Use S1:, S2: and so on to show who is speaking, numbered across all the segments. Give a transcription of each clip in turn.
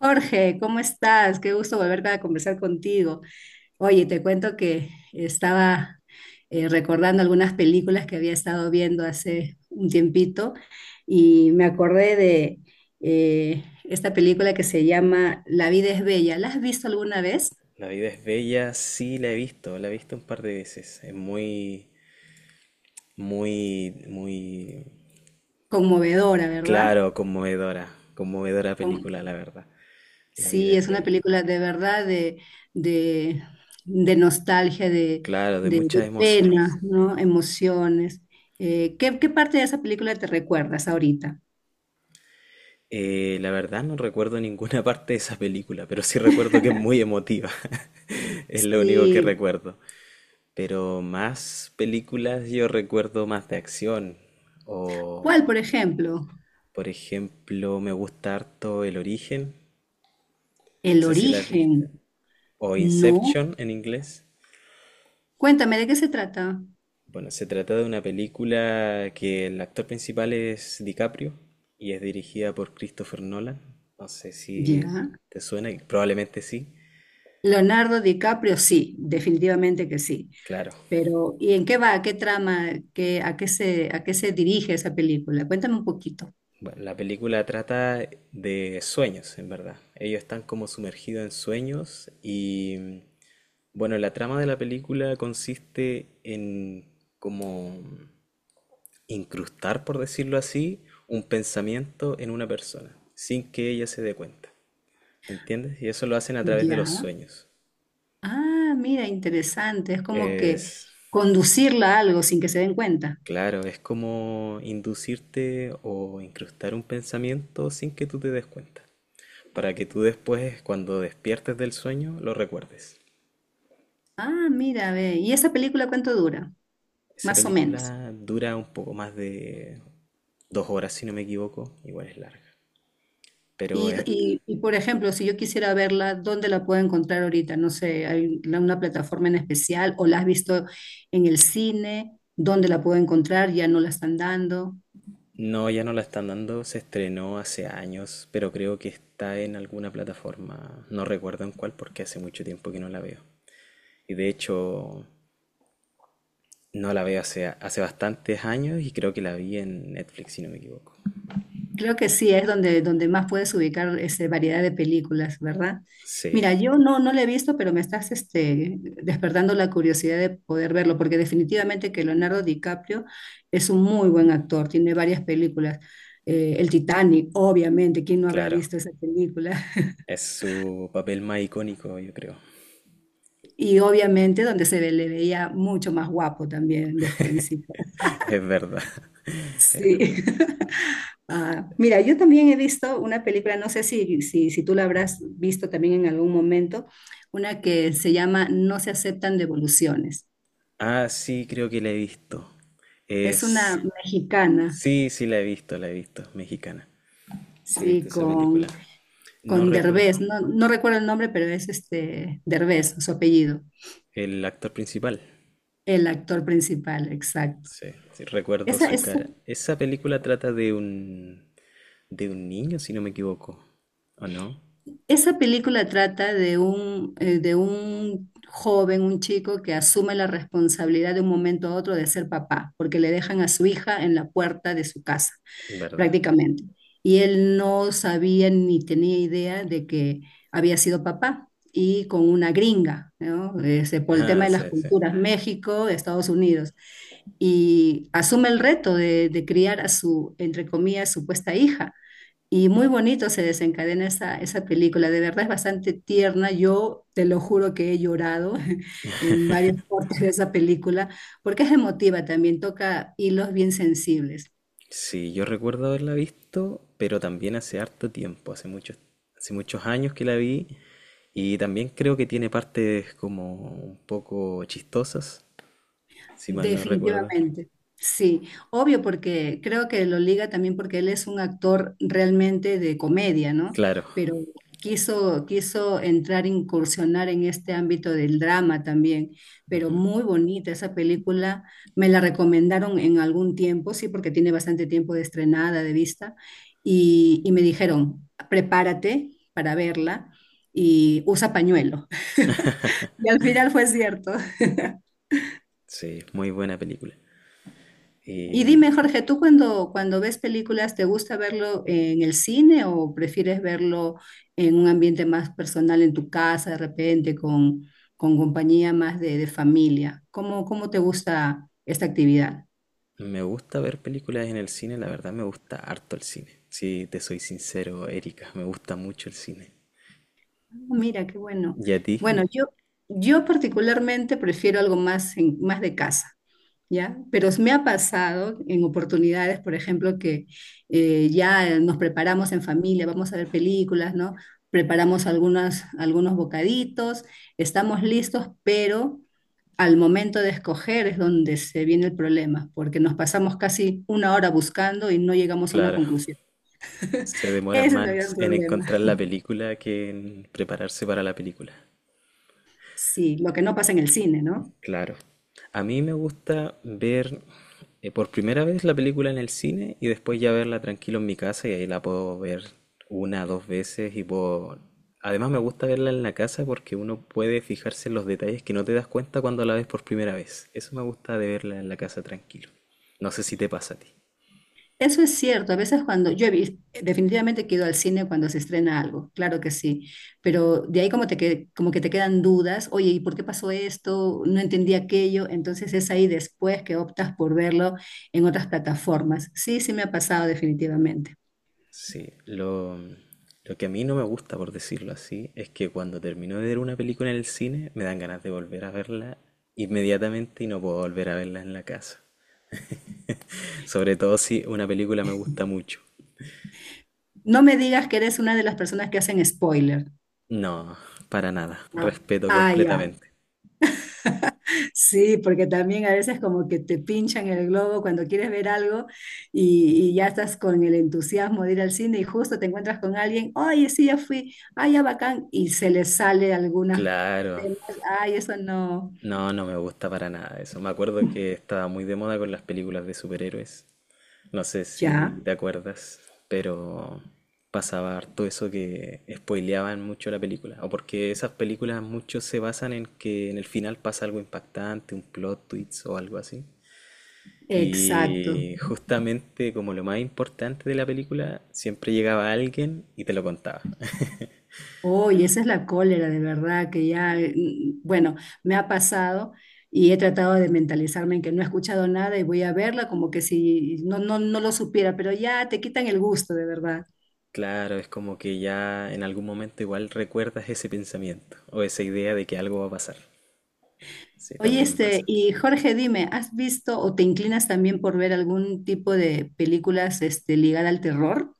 S1: Jorge, ¿cómo estás? Qué gusto volver a conversar contigo. Oye, te cuento que estaba recordando algunas películas que había estado viendo hace un tiempito y me acordé de esta película que se llama La vida es bella. ¿La has visto alguna vez?
S2: La vida es bella, sí la he visto un par de veces. Es muy, muy, muy,
S1: Conmovedora, ¿verdad?
S2: claro, conmovedora, conmovedora
S1: Con-
S2: película, la verdad. La vida
S1: Sí,
S2: es
S1: es una
S2: bella.
S1: película de verdad de, de nostalgia,
S2: Claro, de
S1: de
S2: muchas emociones.
S1: pena, ¿no? Emociones. ¿Qué parte de esa película te recuerdas ahorita?
S2: La verdad no recuerdo ninguna parte de esa película, pero sí recuerdo que es muy emotiva. Es lo único que
S1: Sí,
S2: recuerdo. Pero más películas yo recuerdo más de acción. O,
S1: ¿cuál, por ejemplo?
S2: por ejemplo, me gusta harto El Origen. No
S1: El
S2: sé si la has visto,
S1: origen,
S2: o
S1: ¿no?
S2: Inception en inglés.
S1: Cuéntame, ¿de qué se trata?
S2: Bueno, se trata de una película que el actor principal es DiCaprio y es dirigida por Christopher Nolan. No sé si
S1: Ya.
S2: te suena, y probablemente sí,
S1: Leonardo DiCaprio, sí, definitivamente que sí.
S2: claro.
S1: Pero, ¿y en qué va? ¿Qué trama? ¿Qué, a qué se dirige esa película? Cuéntame un poquito.
S2: Bueno, la película trata de sueños, en verdad. Ellos están como sumergidos en sueños y bueno, la trama de la película consiste en como incrustar, por decirlo así, un pensamiento en una persona, sin que ella se dé cuenta. ¿Entiendes? Y eso lo hacen a través de los
S1: Ya.
S2: sueños.
S1: Ah, mira, interesante. Es como que
S2: Es,
S1: conducirla a algo sin que se den cuenta.
S2: claro, es como inducirte o incrustar un pensamiento sin que tú te des cuenta, para que tú después, cuando despiertes del sueño, lo recuerdes.
S1: Ah, mira, ve. ¿Y esa película cuánto dura?
S2: Esa
S1: Más o menos.
S2: película dura un poco más de 2 horas, si no me equivoco, igual es larga. Pero
S1: Y,
S2: es-
S1: y- y, por ejemplo, si yo quisiera verla, ¿dónde la puedo encontrar ahorita? No sé, ¿hay una plataforma en especial o la has visto en el cine? ¿Dónde la puedo encontrar? ¿Ya no la están dando?
S2: no, ya no la están dando, se estrenó hace años, pero creo que está en alguna plataforma, no recuerdo en cuál porque hace mucho tiempo que no la veo. Y de hecho, no la veo hace bastantes años y creo que la vi en Netflix, si no me equivoco.
S1: Creo que sí, es donde, donde más puedes ubicar esa variedad de películas, ¿verdad?
S2: Sí,
S1: Mira, yo no la he visto, pero me estás despertando la curiosidad de poder verlo, porque definitivamente que Leonardo DiCaprio es un muy buen actor, tiene varias películas. El Titanic, obviamente, ¿quién no habrá
S2: claro.
S1: visto esa película?
S2: Es su papel más icónico, yo creo.
S1: Y obviamente donde le veía mucho más guapo también de jovencito.
S2: Es verdad. Es
S1: Sí.
S2: verdad.
S1: Ah, mira, yo también he visto una película, no sé si tú la habrás visto también en algún momento, una que se llama No se aceptan devoluciones.
S2: Ah, sí, creo que la he visto.
S1: Es una
S2: Es...
S1: mexicana,
S2: Sí, sí, la he visto, la he visto. Mexicana. Sí, he visto
S1: sí,
S2: esa película. No
S1: con
S2: recuerdo
S1: Derbez, no recuerdo el nombre, pero es este Derbez, su apellido,
S2: el actor principal.
S1: el actor principal, exacto.
S2: Sí, sí, recuerdo
S1: Esa,
S2: su
S1: esa
S2: cara. Esa película trata de un niño, si no me equivoco. ¿O no?
S1: Esa película trata de un joven, un chico que asume la responsabilidad de un momento a otro de ser papá, porque le dejan a su hija en la puerta de su casa,
S2: ¿Verdad?
S1: prácticamente. Y él no sabía ni tenía idea de que había sido papá y con una gringa, ¿no? Ese, por el tema
S2: Ah,
S1: de las
S2: sí, sí.
S1: culturas, México, Estados Unidos y asume el reto de criar a su, entre comillas, supuesta hija. Y muy bonito se desencadena esa película, de verdad es bastante tierna, yo te lo juro que he llorado en varios partes de esa película, porque es emotiva también, toca hilos bien sensibles.
S2: Sí, yo recuerdo haberla visto, pero también hace harto tiempo, hace muchos años que la vi y también creo que tiene partes como un poco chistosas, si mal no recuerdo.
S1: Definitivamente, sí. Obvio porque creo que lo liga también porque él es un actor realmente de comedia, ¿no?
S2: Claro,
S1: Pero quiso entrar, incursionar en este ámbito del drama también, pero muy bonita esa película. Me la recomendaron en algún tiempo, sí, porque tiene bastante tiempo de estrenada, de vista, y me dijeron, prepárate para verla y usa pañuelo. Y al final fue cierto.
S2: sí, muy buena película.
S1: Y
S2: Y
S1: dime, Jorge, ¿tú cuando ves películas, te gusta verlo en el cine o prefieres verlo en un ambiente más personal, en tu casa, de repente, con compañía más de familia? Cómo te gusta esta actividad?
S2: me gusta ver películas en el cine, la verdad me gusta harto el cine. Si te soy sincero, Erika, me gusta mucho el cine.
S1: Oh, mira, qué bueno.
S2: ¿Y a ti?
S1: Bueno, yo particularmente prefiero algo más, más de casa. ¿Ya? Pero me ha pasado en oportunidades, por ejemplo, que ya nos preparamos en familia, vamos a ver películas, ¿no? Preparamos algunos bocaditos, estamos listos, pero al momento de escoger es donde se viene el problema, porque nos pasamos casi una hora buscando y no llegamos a una
S2: Claro,
S1: conclusión.
S2: se demora
S1: Ese es el gran
S2: más en
S1: problema.
S2: encontrar la película que en prepararse para la película.
S1: Sí, lo que no pasa en el cine, ¿no?
S2: Claro. A mí me gusta ver por primera vez la película en el cine y después ya verla tranquilo en mi casa y ahí la puedo ver una, dos veces y puedo... Además me gusta verla en la casa porque uno puede fijarse en los detalles que no te das cuenta cuando la ves por primera vez. Eso me gusta de verla en la casa tranquilo. No sé si te pasa a ti.
S1: Eso es cierto, a veces cuando yo definitivamente que al cine cuando se estrena algo, claro que sí, pero de ahí como que te quedan dudas, oye, ¿y por qué pasó esto? No entendí aquello, entonces es ahí después que optas por verlo en otras plataformas. Sí, sí me ha pasado definitivamente.
S2: Sí, lo que a mí no me gusta, por decirlo así, es que cuando termino de ver una película en el cine, me dan ganas de volver a verla inmediatamente y no puedo volver a verla en la casa. Sobre todo si una película me gusta mucho.
S1: No me digas que eres una de las personas que hacen spoiler.
S2: No, para nada.
S1: Ah,
S2: Respeto
S1: ah, ya.
S2: completamente.
S1: Sí, porque también a veces como que te pinchan el globo cuando quieres ver algo y ya estás con el entusiasmo de ir al cine y justo te encuentras con alguien, oye, sí, ya fui, ay, ya bacán, y se le sale algunas
S2: Claro.
S1: temas, ay, eso no.
S2: No, no me gusta para nada eso. Me acuerdo que estaba muy de moda con las películas de superhéroes. No sé si
S1: Ya,
S2: te acuerdas, pero pasaba harto eso que spoileaban mucho la película. O porque esas películas mucho se basan en que en el final pasa algo impactante, un plot twist o algo así.
S1: exacto.
S2: Y justamente como lo más importante de la película, siempre llegaba alguien y te lo contaba.
S1: Oye, esa es la cólera, de verdad, que ya, bueno, me ha pasado y he tratado de mentalizarme en que no he escuchado nada y voy a verla como que si no, no lo supiera, pero ya te quitan el gusto, de verdad.
S2: Claro, es como que ya en algún momento igual recuerdas ese pensamiento o esa idea de que algo va a pasar. Sí,
S1: Oye,
S2: también me
S1: este,
S2: pasa.
S1: y Jorge, dime, ¿has visto o te inclinas también por ver algún tipo de películas, este, ligada al terror?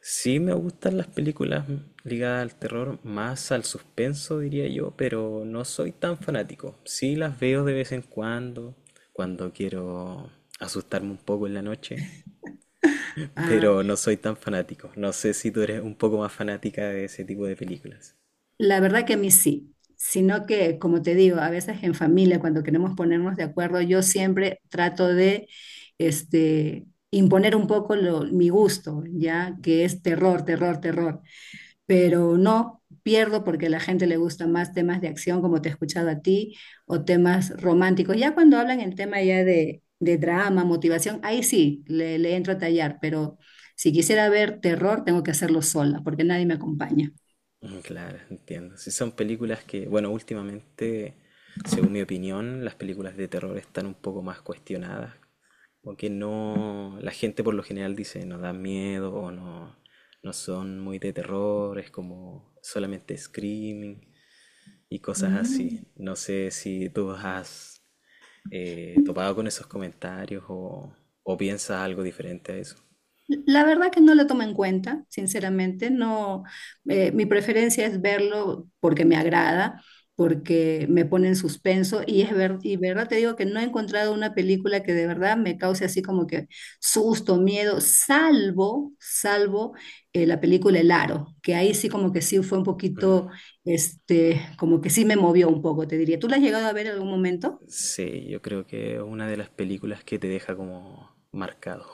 S2: Sí me gustan las películas ligadas al terror, más al suspenso diría yo, pero no soy tan fanático. Sí las veo de vez en cuando, cuando quiero asustarme un poco en la noche,
S1: Ah,
S2: pero no soy tan fanático. No sé si tú eres un poco más fanática de ese tipo de películas.
S1: la verdad que a mí sí, sino que, como te digo, a veces en familia, cuando queremos ponernos de acuerdo, yo siempre trato de, este, imponer un poco mi gusto, ya que es terror, terror, terror. Pero no pierdo porque a la gente le gusta más temas de acción, como te he escuchado a ti, o temas románticos. Ya cuando hablan el tema ya de drama, motivación, ahí sí, le entro a tallar, pero si quisiera ver terror, tengo que hacerlo sola, porque nadie me acompaña.
S2: Mm, claro, entiendo. Si son películas que, bueno, últimamente, según mi opinión, las películas de terror están un poco más cuestionadas, porque no, la gente por lo general dice no dan miedo o no, no son muy de terror, es como solamente screaming y cosas así.
S1: Mm.
S2: No sé si tú has topado con esos comentarios o piensas algo diferente a eso.
S1: La verdad que no la tomo en cuenta, sinceramente, no, mi preferencia es verlo porque me agrada, porque me pone en suspenso y verdad te digo que no he encontrado una película que de verdad me cause así como que susto, miedo, salvo la película El Aro, que ahí sí como que sí fue un
S2: Mm,
S1: poquito, este, como que sí me movió un poco, te diría. ¿Tú la has llegado a ver en algún momento?
S2: sí, yo creo que es una de las películas que te deja como marcado.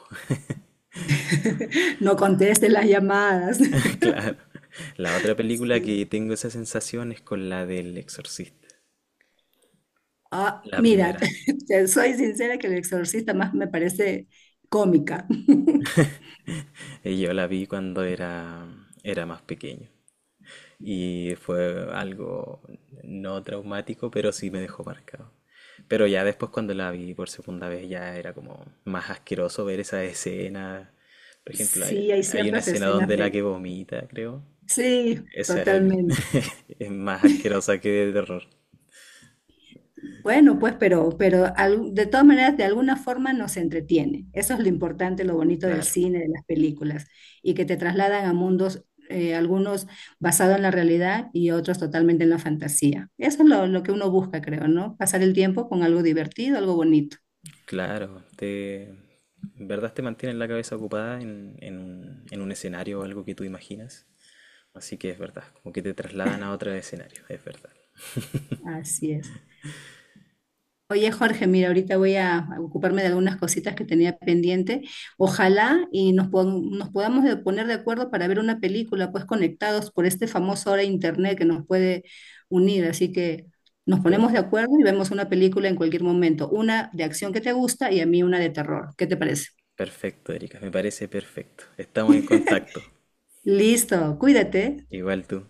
S1: No contestes las llamadas.
S2: Claro. La otra película que
S1: Sí.
S2: tengo esa sensación es con la del Exorcista,
S1: Ah,
S2: la
S1: mira,
S2: primera.
S1: te soy sincera que El Exorcista más me parece cómica.
S2: Y yo la vi cuando era, era más pequeño. Y fue algo no traumático, pero sí me dejó marcado. Pero ya después cuando la vi por segunda vez ya era como más asqueroso ver esa escena. Por ejemplo, hay,
S1: Sí, hay
S2: hay una
S1: ciertas
S2: escena
S1: escenas
S2: donde la
S1: de...
S2: que vomita, creo.
S1: Sí,
S2: Esa es,
S1: totalmente.
S2: es más asquerosa que de terror.
S1: Bueno, pues, pero, de todas maneras, de alguna forma nos entretiene. Eso es lo importante, lo bonito del
S2: Claro,
S1: cine, de las películas, y que te trasladan a mundos, algunos basados en la realidad y otros totalmente en la fantasía. Eso es lo que uno busca, creo, ¿no? Pasar el tiempo con algo divertido, algo bonito.
S2: claro. En verdad te mantiene la cabeza ocupada en un escenario o algo que tú imaginas. Así que es verdad, como que te trasladan a otro escenario, es verdad.
S1: Así es. Oye, Jorge, mira, ahorita voy a ocuparme de algunas cositas que tenía pendiente. Ojalá y nos, pon- nos podamos de- poner de acuerdo para ver una película, pues conectados por este famoso ahora internet que nos puede unir. Así que nos ponemos de
S2: Perfecto,
S1: acuerdo y vemos una película en cualquier momento. Una de acción que te gusta y a mí una de terror. ¿Qué te parece?
S2: perfecto, Erika, me parece perfecto. Estamos en contacto.
S1: Listo, cuídate.
S2: Igual tú.